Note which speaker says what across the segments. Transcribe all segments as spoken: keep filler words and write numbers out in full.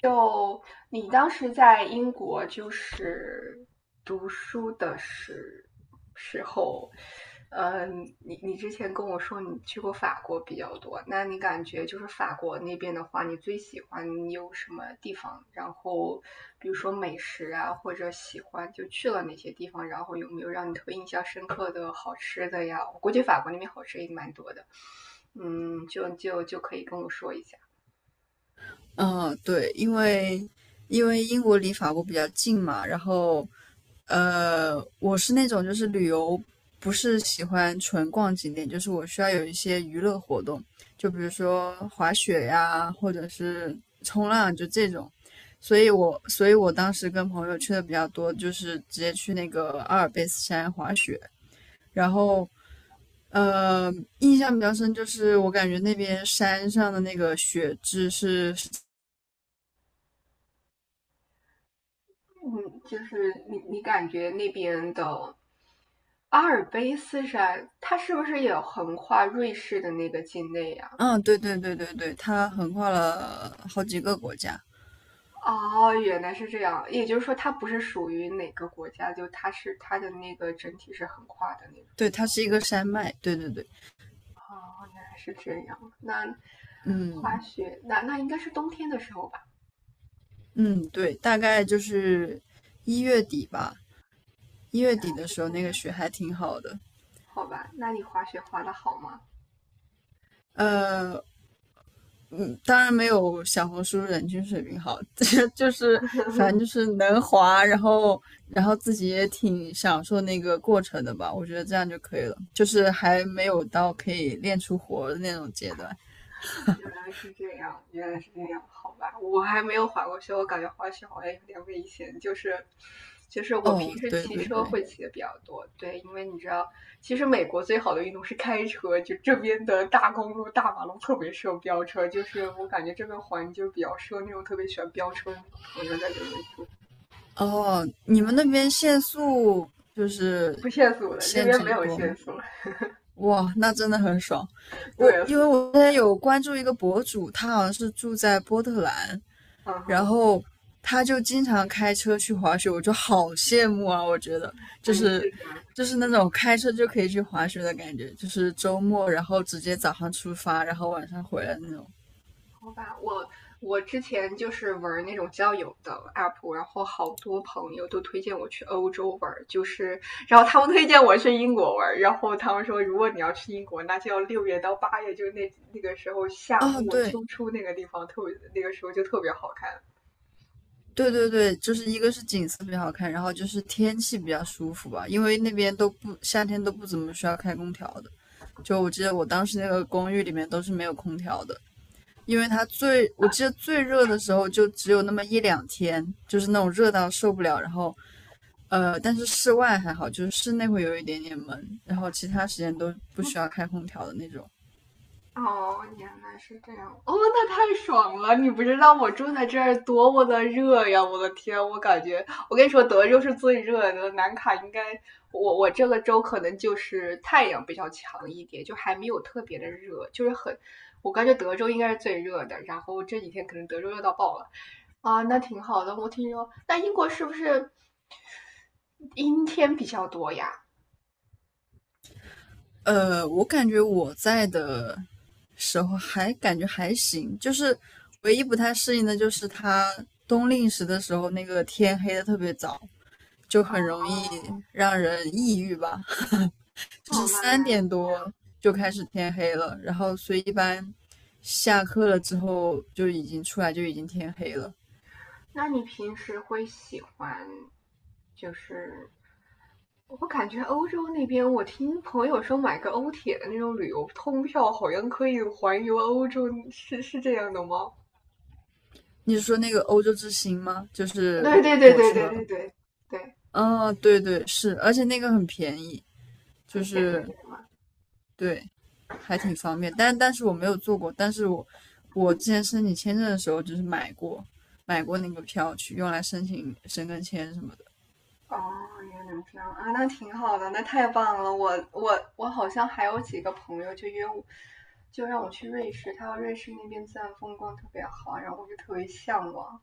Speaker 1: 就你当时在英国就是读书的时时候，嗯，你你之前跟我说你去过法国比较多，那你感觉就是法国那边的话，你最喜欢你有什么地方？然后比如说美食啊，或者喜欢就去了哪些地方？然后有没有让你特别印象深刻的好吃的呀？我估计法国那边好吃也蛮多的，嗯，就就就可以跟我说一下。
Speaker 2: 嗯，对，因为因为英国离法国比较近嘛，然后呃，我是那种就是旅游不是喜欢纯逛景点，就是我需要有一些娱乐活动，就比如说滑雪呀，或者是冲浪，就这种。所以我所以我当时跟朋友去的比较多，就是直接去那个阿尔卑斯山滑雪，然后。呃，印象比较深就是我感觉那边山上的那个雪质是
Speaker 1: 嗯，就是你你感觉那边的阿尔卑斯山，它是不是也横跨瑞士的那个境内呀？
Speaker 2: 嗯，对对对对对，它横跨了好几个国家。
Speaker 1: 哦，原来是这样，也就是说它不是属于哪个国家，就它是它的那个整体是横跨的那种。
Speaker 2: 对，它是一个山脉。对对对。
Speaker 1: 哦，原来是这样。那
Speaker 2: 嗯。
Speaker 1: 滑雪，那那应该是冬天的时候吧？
Speaker 2: 嗯，对，大概就是一月底吧，一月底的时候那个雪还挺好的。
Speaker 1: 好吧，那你滑雪滑的好吗？
Speaker 2: 呃，嗯，当然没有小红书人均水平好，这就是反正就是能滑，然后然后自己也挺享受那个过程的吧。我觉得这样就可以了，就是还没有到可以练出活儿的那种阶段。
Speaker 1: 原来是这样，原来是这样，好吧，我还没有滑过雪，我感觉滑雪好像有点危险，就是就是我
Speaker 2: 哦，
Speaker 1: 平时
Speaker 2: 对
Speaker 1: 骑
Speaker 2: 对
Speaker 1: 车
Speaker 2: 对。
Speaker 1: 会骑的比较多，对，因为你知道，其实美国最好的运动是开车，就这边的大公路、大马路特别适合飙车，就是我感觉这边环就比较适合那种特别喜欢飙车的那种朋友在这边住，
Speaker 2: 哦，你们那边限速就
Speaker 1: 不
Speaker 2: 是
Speaker 1: 限速的，这
Speaker 2: 限
Speaker 1: 边没
Speaker 2: 制
Speaker 1: 有
Speaker 2: 多
Speaker 1: 限
Speaker 2: 吗？
Speaker 1: 速，
Speaker 2: 哇，那真的很爽。我
Speaker 1: 对，
Speaker 2: 因为我之前有关注一个博主，他好像是住在波特兰，
Speaker 1: 嗯
Speaker 2: 然
Speaker 1: 哼，
Speaker 2: 后他就经常开车去滑雪，我就好羡慕啊！我觉得就
Speaker 1: 哎，
Speaker 2: 是
Speaker 1: 是的，
Speaker 2: 就是那种开车就可以去滑雪的感觉，就是周末然后直接早上出发，然后晚上回来那种。
Speaker 1: 好吧，我我之前就是玩那种交友的 app，然后好多朋友都推荐我去欧洲玩，就是然后他们推荐我去英国玩，然后他们说如果你要去英国，那就要六月到八月，就是那那个时候夏
Speaker 2: 哦，
Speaker 1: 末
Speaker 2: 对，
Speaker 1: 秋初那个地方特别，那个时候就特别好看。
Speaker 2: 对对对，就是一个是景色比较好看，然后就是天气比较舒服吧，因为那边都不夏天都不怎么需要开空调的。就我记得我当时那个公寓里面都是没有空调的，因为它最我记得最热的时候就只有那么一两天，就是那种热到受不了。然后呃，但是室外还好，就是室内会有一点点闷，然后其他时间都不需要开空调的那种。
Speaker 1: 哦，原来是这样。哦，那太爽了！你不知道我住在这儿多么的热呀！我的天，我感觉，我跟你说，德州是最热的，南卡应该，我我这个州可能就是太阳比较强一点，就还没有特别的热，就是很，我感觉德州应该是最热的。然后这几天可能德州热到爆了，啊，那挺好的。我听说，那英国是不是阴天比较多呀？
Speaker 2: 呃，我感觉我在的时候还感觉还行，就是唯一不太适应的就是它冬令时的时候，那个天黑的特别早，就很容易让人抑郁吧。
Speaker 1: 哦，
Speaker 2: 就是
Speaker 1: 那原
Speaker 2: 三
Speaker 1: 来，
Speaker 2: 点多就开始天黑了，然后所以一般下课了之后就已经出来就已经天黑了。
Speaker 1: 那你平时会喜欢就是我感觉欧洲那边，我听朋友说买个欧铁的那种旅游通票，好像可以环游欧洲，是是这样的吗？
Speaker 2: 你是说那个欧洲之星吗？就是
Speaker 1: 对对对
Speaker 2: 火
Speaker 1: 对对
Speaker 2: 车。
Speaker 1: 对对对，
Speaker 2: 嗯、对对是，而且那个很便宜，就
Speaker 1: 很便宜
Speaker 2: 是
Speaker 1: 的。
Speaker 2: 对，还挺方便。但但是我没有做过，但是我我之前申请签证的时候就是买过买过那个票去用来申请申根签什么的。
Speaker 1: 哦，原来这样啊，那挺好的，那太棒了。我我我好像还有几个朋友就约我，就让我去瑞士，他说瑞士那边自然风光特别好，然后我就特别向往。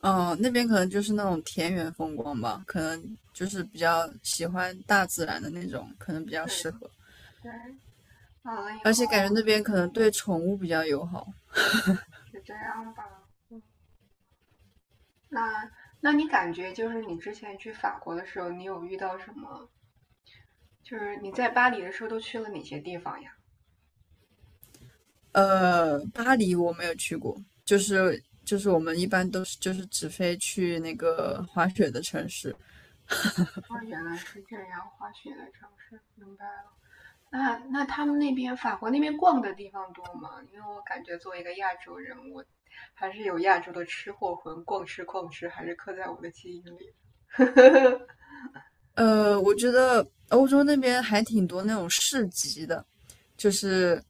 Speaker 2: 嗯、呃那边可能就是那种田园风光吧，可能就是比较喜欢大自然的那种，可能比较
Speaker 1: 对
Speaker 2: 适合。
Speaker 1: 对，完了以
Speaker 2: 而且
Speaker 1: 后
Speaker 2: 感觉那边可能对宠物比较友好。
Speaker 1: 是这样吧。那那你感觉就是你之前去法国的时候，你有遇到什么？就是你在巴黎的时候都去了哪些地方呀？
Speaker 2: 呃，巴黎我没有去过，就是就是我们一般都是就是只飞去那个滑雪的城市。
Speaker 1: 哦，原来是这样，滑雪的城市，明白了。那那他们那边法国那边逛的地方多吗？因为我感觉作为一个亚洲人，我还是有亚洲的吃货魂，逛吃逛吃还是刻在我的基因里。
Speaker 2: 呃，我觉得欧洲那边还挺多那种市集的，就是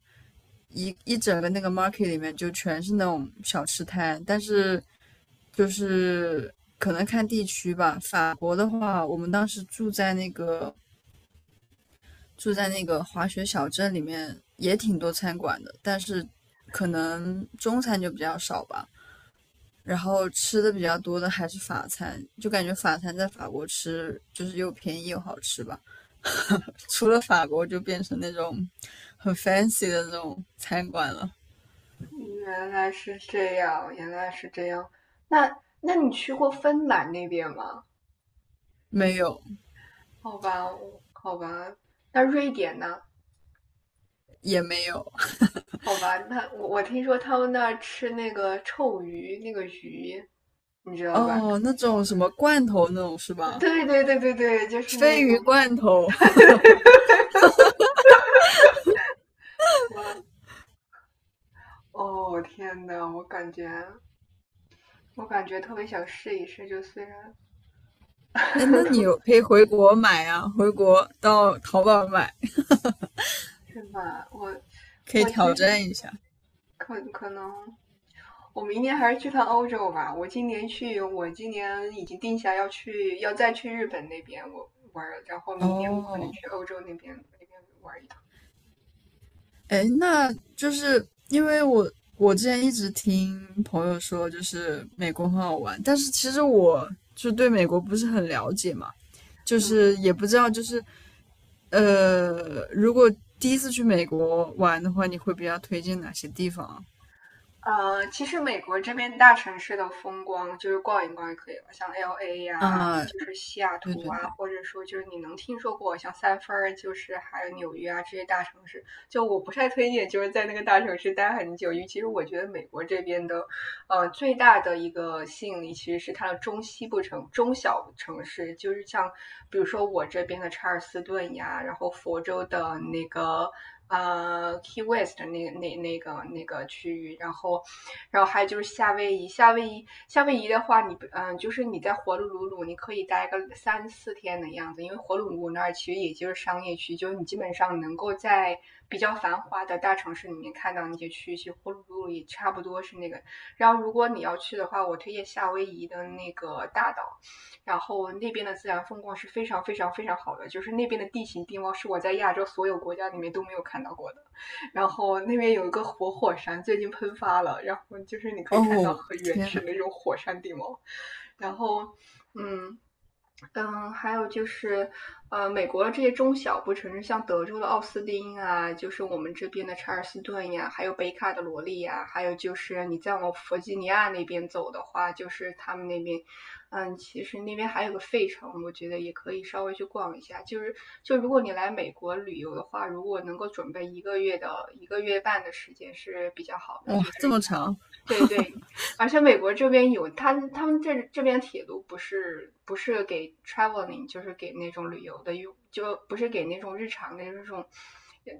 Speaker 2: 一一整个那个 market 里面就全是那种小吃摊，但是就是可能看地区吧。法国的话，我们当时住在那个住在那个滑雪小镇里面，也挺多餐馆的，但是可能中餐就比较少吧。然后吃的比较多的还是法餐，就感觉法餐在法国吃就是又便宜又好吃吧。除了法国就变成那种很 fancy 的那种餐馆了。
Speaker 1: 原来是这样，原来是这样。那那你去过芬兰那边吗？
Speaker 2: 没有。
Speaker 1: 好吧，我好吧。那瑞典呢？
Speaker 2: 也没有。
Speaker 1: 好吧，那我我听说他们那儿吃那个臭鱼，那个鱼，你知道吧？
Speaker 2: 哦，那种什么罐头那种是 吧？
Speaker 1: 对对对对对，就是
Speaker 2: 鲱
Speaker 1: 那
Speaker 2: 鱼
Speaker 1: 种。
Speaker 2: 罐头。
Speaker 1: 我哦天呐，我感觉我感觉特别想试一试，就虽然
Speaker 2: 哎，那你 可以回国买啊，回国到淘宝买，
Speaker 1: 是吧，我
Speaker 2: 可以
Speaker 1: 我其
Speaker 2: 挑
Speaker 1: 实
Speaker 2: 战一下。
Speaker 1: 可可能我明年还是去趟欧洲吧。我今年去，我今年已经定下要去，要再去日本那边我玩儿，然后明年我可能
Speaker 2: 哦。
Speaker 1: 去欧洲那边那边玩一趟。
Speaker 2: 哎，那就是因为我我之前一直听朋友说，就是美国很好玩，但是其实我就对美国不是很了解嘛，就
Speaker 1: 嗯，
Speaker 2: 是也不知道就是呃，如果第一次去美国玩的话，你会比较推荐哪些地方
Speaker 1: 呃，其实美国这边大城市的风光就是逛一逛就可以了，像 L A 呀、
Speaker 2: 啊？
Speaker 1: 就是西雅
Speaker 2: 对
Speaker 1: 图
Speaker 2: 对
Speaker 1: 啊，
Speaker 2: 对。
Speaker 1: 或者说就是你能听说过像三藩儿，就是还有纽约啊这些大城市。就我不太推荐就是在那个大城市待很久，尤其是我觉得美国这边的呃，最大的一个吸引力其实是它的中西部城、中小城市，就是像比如说我这边的查尔斯顿呀，然后佛州的那个呃 Key West 那那那个那个区域，然后然后还有就是夏威夷，夏威夷夏威夷的话你，你呃嗯、就是你在火奴鲁鲁，你可以待个三四天的样子，因为火奴鲁鲁那儿其实也就是商业区，就是你基本上能够在比较繁华的大城市里面看到那些区域，其实火奴鲁鲁也差不多是那个。然后如果你要去的话，我推荐夏威夷的那个大岛，然后那边的自然风光是非常非常非常好的，就是那边的地形地貌是我在亚洲所有国家里面都没有看到过的。然后那边有一个活火山，最近喷发了，然后就是你可以看到
Speaker 2: 哦，
Speaker 1: 很原
Speaker 2: 天
Speaker 1: 始
Speaker 2: 呐。
Speaker 1: 的那种火山地貌，然后嗯。嗯，还有就是，呃，美国的这些中小不城市，像德州的奥斯汀啊，就是我们这边的查尔斯顿呀，还有北卡的罗利呀，还有就是你再往弗吉尼亚那边走的话，就是他们那边，嗯，其实那边还有个费城，我觉得也可以稍微去逛一下。就是，就如果你来美国旅游的话，如果能够准备一个月的一个月半的时间是比较好的，
Speaker 2: 哇，
Speaker 1: 就
Speaker 2: 这
Speaker 1: 是
Speaker 2: 么长。
Speaker 1: 对对，而且美国这边有他他们这这边铁路不是不是给 traveling，就是给那种旅游的用，就不是给那种日常的这种，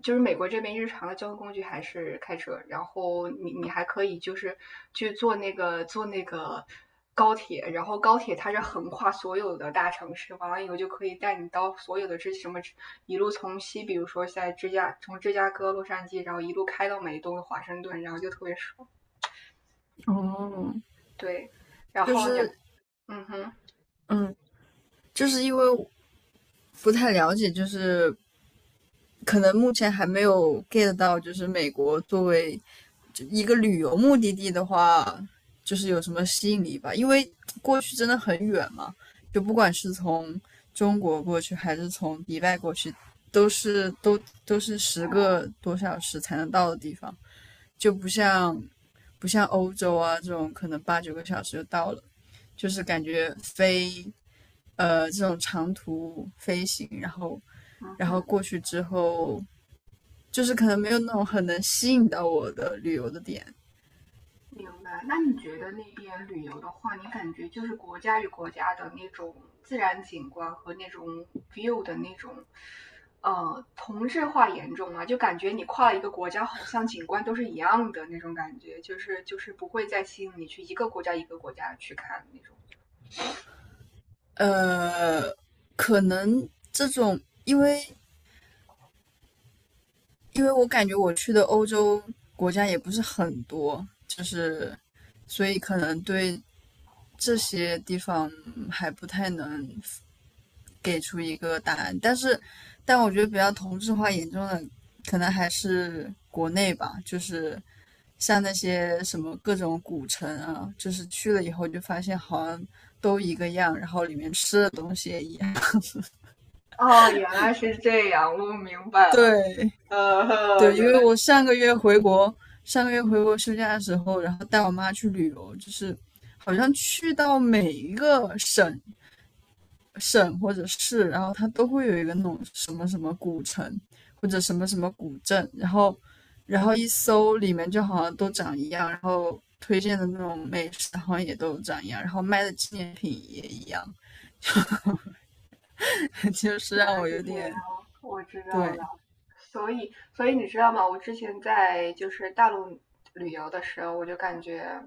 Speaker 1: 就是美国这边日常的交通工具还是开车，然后你你还可以就是去坐那个坐那个高铁，然后高铁它是横跨所有的大城市，完了以后就可以带你到所有的这什么一路从西，比如说在芝加从芝加哥、洛杉矶，然后一路开到美东的华盛顿，然后就特别爽。
Speaker 2: 哦。
Speaker 1: 对，然
Speaker 2: 就
Speaker 1: 后你，
Speaker 2: 是
Speaker 1: 嗯哼，
Speaker 2: 嗯，就是因为不太了解，就是可能目前还没有 get 到，就是美国作为一个旅游目的地的话，就是有什么吸引力吧？因为过去真的很远嘛，就不管是从中国过去还是从迪拜过去，都是都都是十个多小时才能到的地方，就不像不像欧洲啊这种可能八九个小时就到了，就是感觉飞呃这种长途飞行，然后
Speaker 1: 嗯
Speaker 2: 然后
Speaker 1: 哼，
Speaker 2: 过去之后，就是可能没有那种很能吸引到我的旅游的点。
Speaker 1: 明白。那你觉得那边旅游的话，你感觉就是国家与国家的那种自然景观和那种 view 的那种，呃，同质化严重吗？就感觉你跨了一个国家，好像景观都是一样的那种感觉，就是就是不会再吸引你去一个国家一个国家去看那种。
Speaker 2: 呃，可能这种，因为因为我感觉我去的欧洲国家也不是很多，就是所以可能对这些地方还不太能给出一个答案。但是，但我觉得比较同质化严重的，可能还是国内吧，就是像那些什么各种古城啊，就是去了以后就发现好像都一个样，然后里面吃的东西也一样。
Speaker 1: 哦，原来是这样，我明白了。
Speaker 2: 对。
Speaker 1: 呃，
Speaker 2: 对，因
Speaker 1: 原
Speaker 2: 为
Speaker 1: 来。
Speaker 2: 我上个月回国，上个月回国休假的时候，然后带我妈去旅游，就是好像去到每一个省省或者市，然后它都会有一个那种什么什么古城或者什么什么古镇，然后然后一搜里面就好像都长一样，然后推荐的那种美食好像也都长一样，然后卖的纪念品也一样，就是
Speaker 1: 原来
Speaker 2: 让我
Speaker 1: 是
Speaker 2: 有
Speaker 1: 这样，
Speaker 2: 点
Speaker 1: 我知道
Speaker 2: 对。
Speaker 1: 了。所以，所以你知道吗？我之前在就是大陆旅游的时候，我就感觉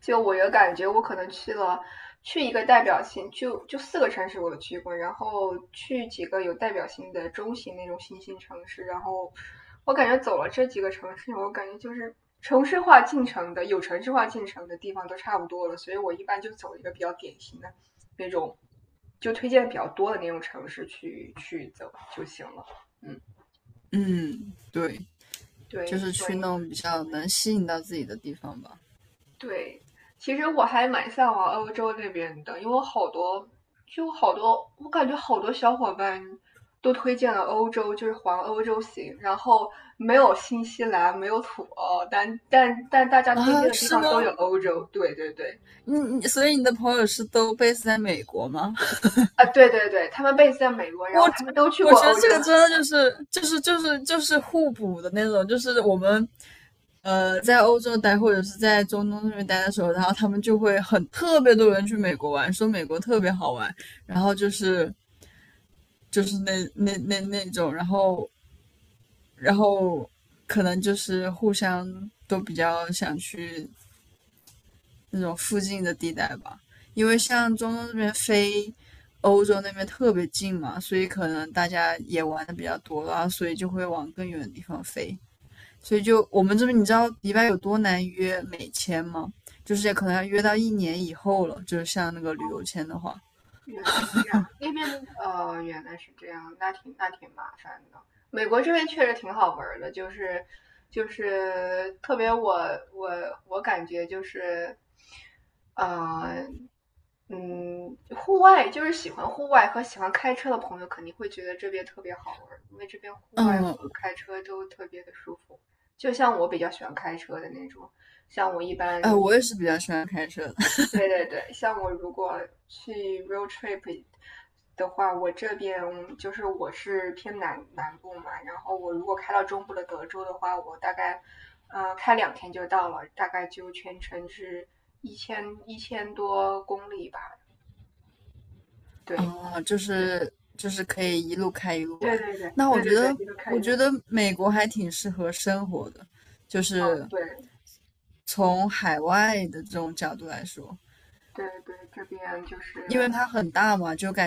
Speaker 1: 就我有感觉，我可能去了去一个代表性，就就四个城市我都去过，然后去几个有代表性的中型那种新兴城市，然后我感觉走了这几个城市，我感觉就是城市化进程的有城市化进程的地方都差不多了，所以我一般就走一个比较典型的那种，就推荐比较多的那种城市去去走就行了。嗯，
Speaker 2: 嗯，对，就
Speaker 1: 对，
Speaker 2: 是
Speaker 1: 所以
Speaker 2: 去那种比较能吸引到自己的地方吧。
Speaker 1: 对，其实我还蛮向往欧洲那边的，因为我好多，就好多，我感觉好多小伙伴都推荐了欧洲，就是环欧洲行，然后没有新西兰，没有土澳，但但但大家推
Speaker 2: 啊，
Speaker 1: 荐的地
Speaker 2: 是
Speaker 1: 方
Speaker 2: 吗？
Speaker 1: 都有欧洲。对对对，
Speaker 2: 你你，所以你的朋友是都 base 在美国吗？
Speaker 1: 啊，对对对，他们 b a 在美国，然
Speaker 2: 我
Speaker 1: 后他们都去
Speaker 2: 我
Speaker 1: 过
Speaker 2: 觉得
Speaker 1: 欧洲。
Speaker 2: 这个真的就是就是就是就是互补的那种，就是我们呃在欧洲待或者是在中东那边待的时候，然后他们就会很特别多人去美国玩，说美国特别好玩，然后就是就是那那那那种，然后然后可能就是互相都比较想去那种附近的地带吧，因为像中东这边飞欧洲那边特别近嘛，所以可能大家也玩的比较多了后所以就会往更远的地方飞。所以就我们这边，你知道迪拜有多难约美签吗？就是可能要约到一年以后了，就是像那个旅游签的话。
Speaker 1: 原来是这样，那边呃原来是这样，那挺那挺麻烦的。美国这边确实挺好玩儿的，就是就是特别我我我感觉就是，呃嗯，户外就是喜欢户外和喜欢开车的朋友肯定会觉得这边特别好玩儿，因为这边户外和
Speaker 2: 嗯。
Speaker 1: 开车都特别的舒服。就像我比较喜欢开车的那种，像我一
Speaker 2: 哎，
Speaker 1: 般
Speaker 2: 我也是比较喜欢开车的。
Speaker 1: 对对对，像我如果去 road trip 的话，我这边就是我是偏南南部嘛，然后我如果开到中部的德州的话，我大概呃开两天就到了，大概就全程是一千一千多公里吧。对
Speaker 2: 啊，就
Speaker 1: 对
Speaker 2: 是就是可以一路开一路玩。
Speaker 1: 对对对
Speaker 2: 那我
Speaker 1: 对
Speaker 2: 觉
Speaker 1: 对对，
Speaker 2: 得，
Speaker 1: 一个开
Speaker 2: 我
Speaker 1: 一个
Speaker 2: 觉
Speaker 1: 放，
Speaker 2: 得美国还挺适合生活的，就是
Speaker 1: 对
Speaker 2: 从海外的这种角度来说，
Speaker 1: 对对，这边就
Speaker 2: 因
Speaker 1: 是
Speaker 2: 为它很大嘛，就感觉。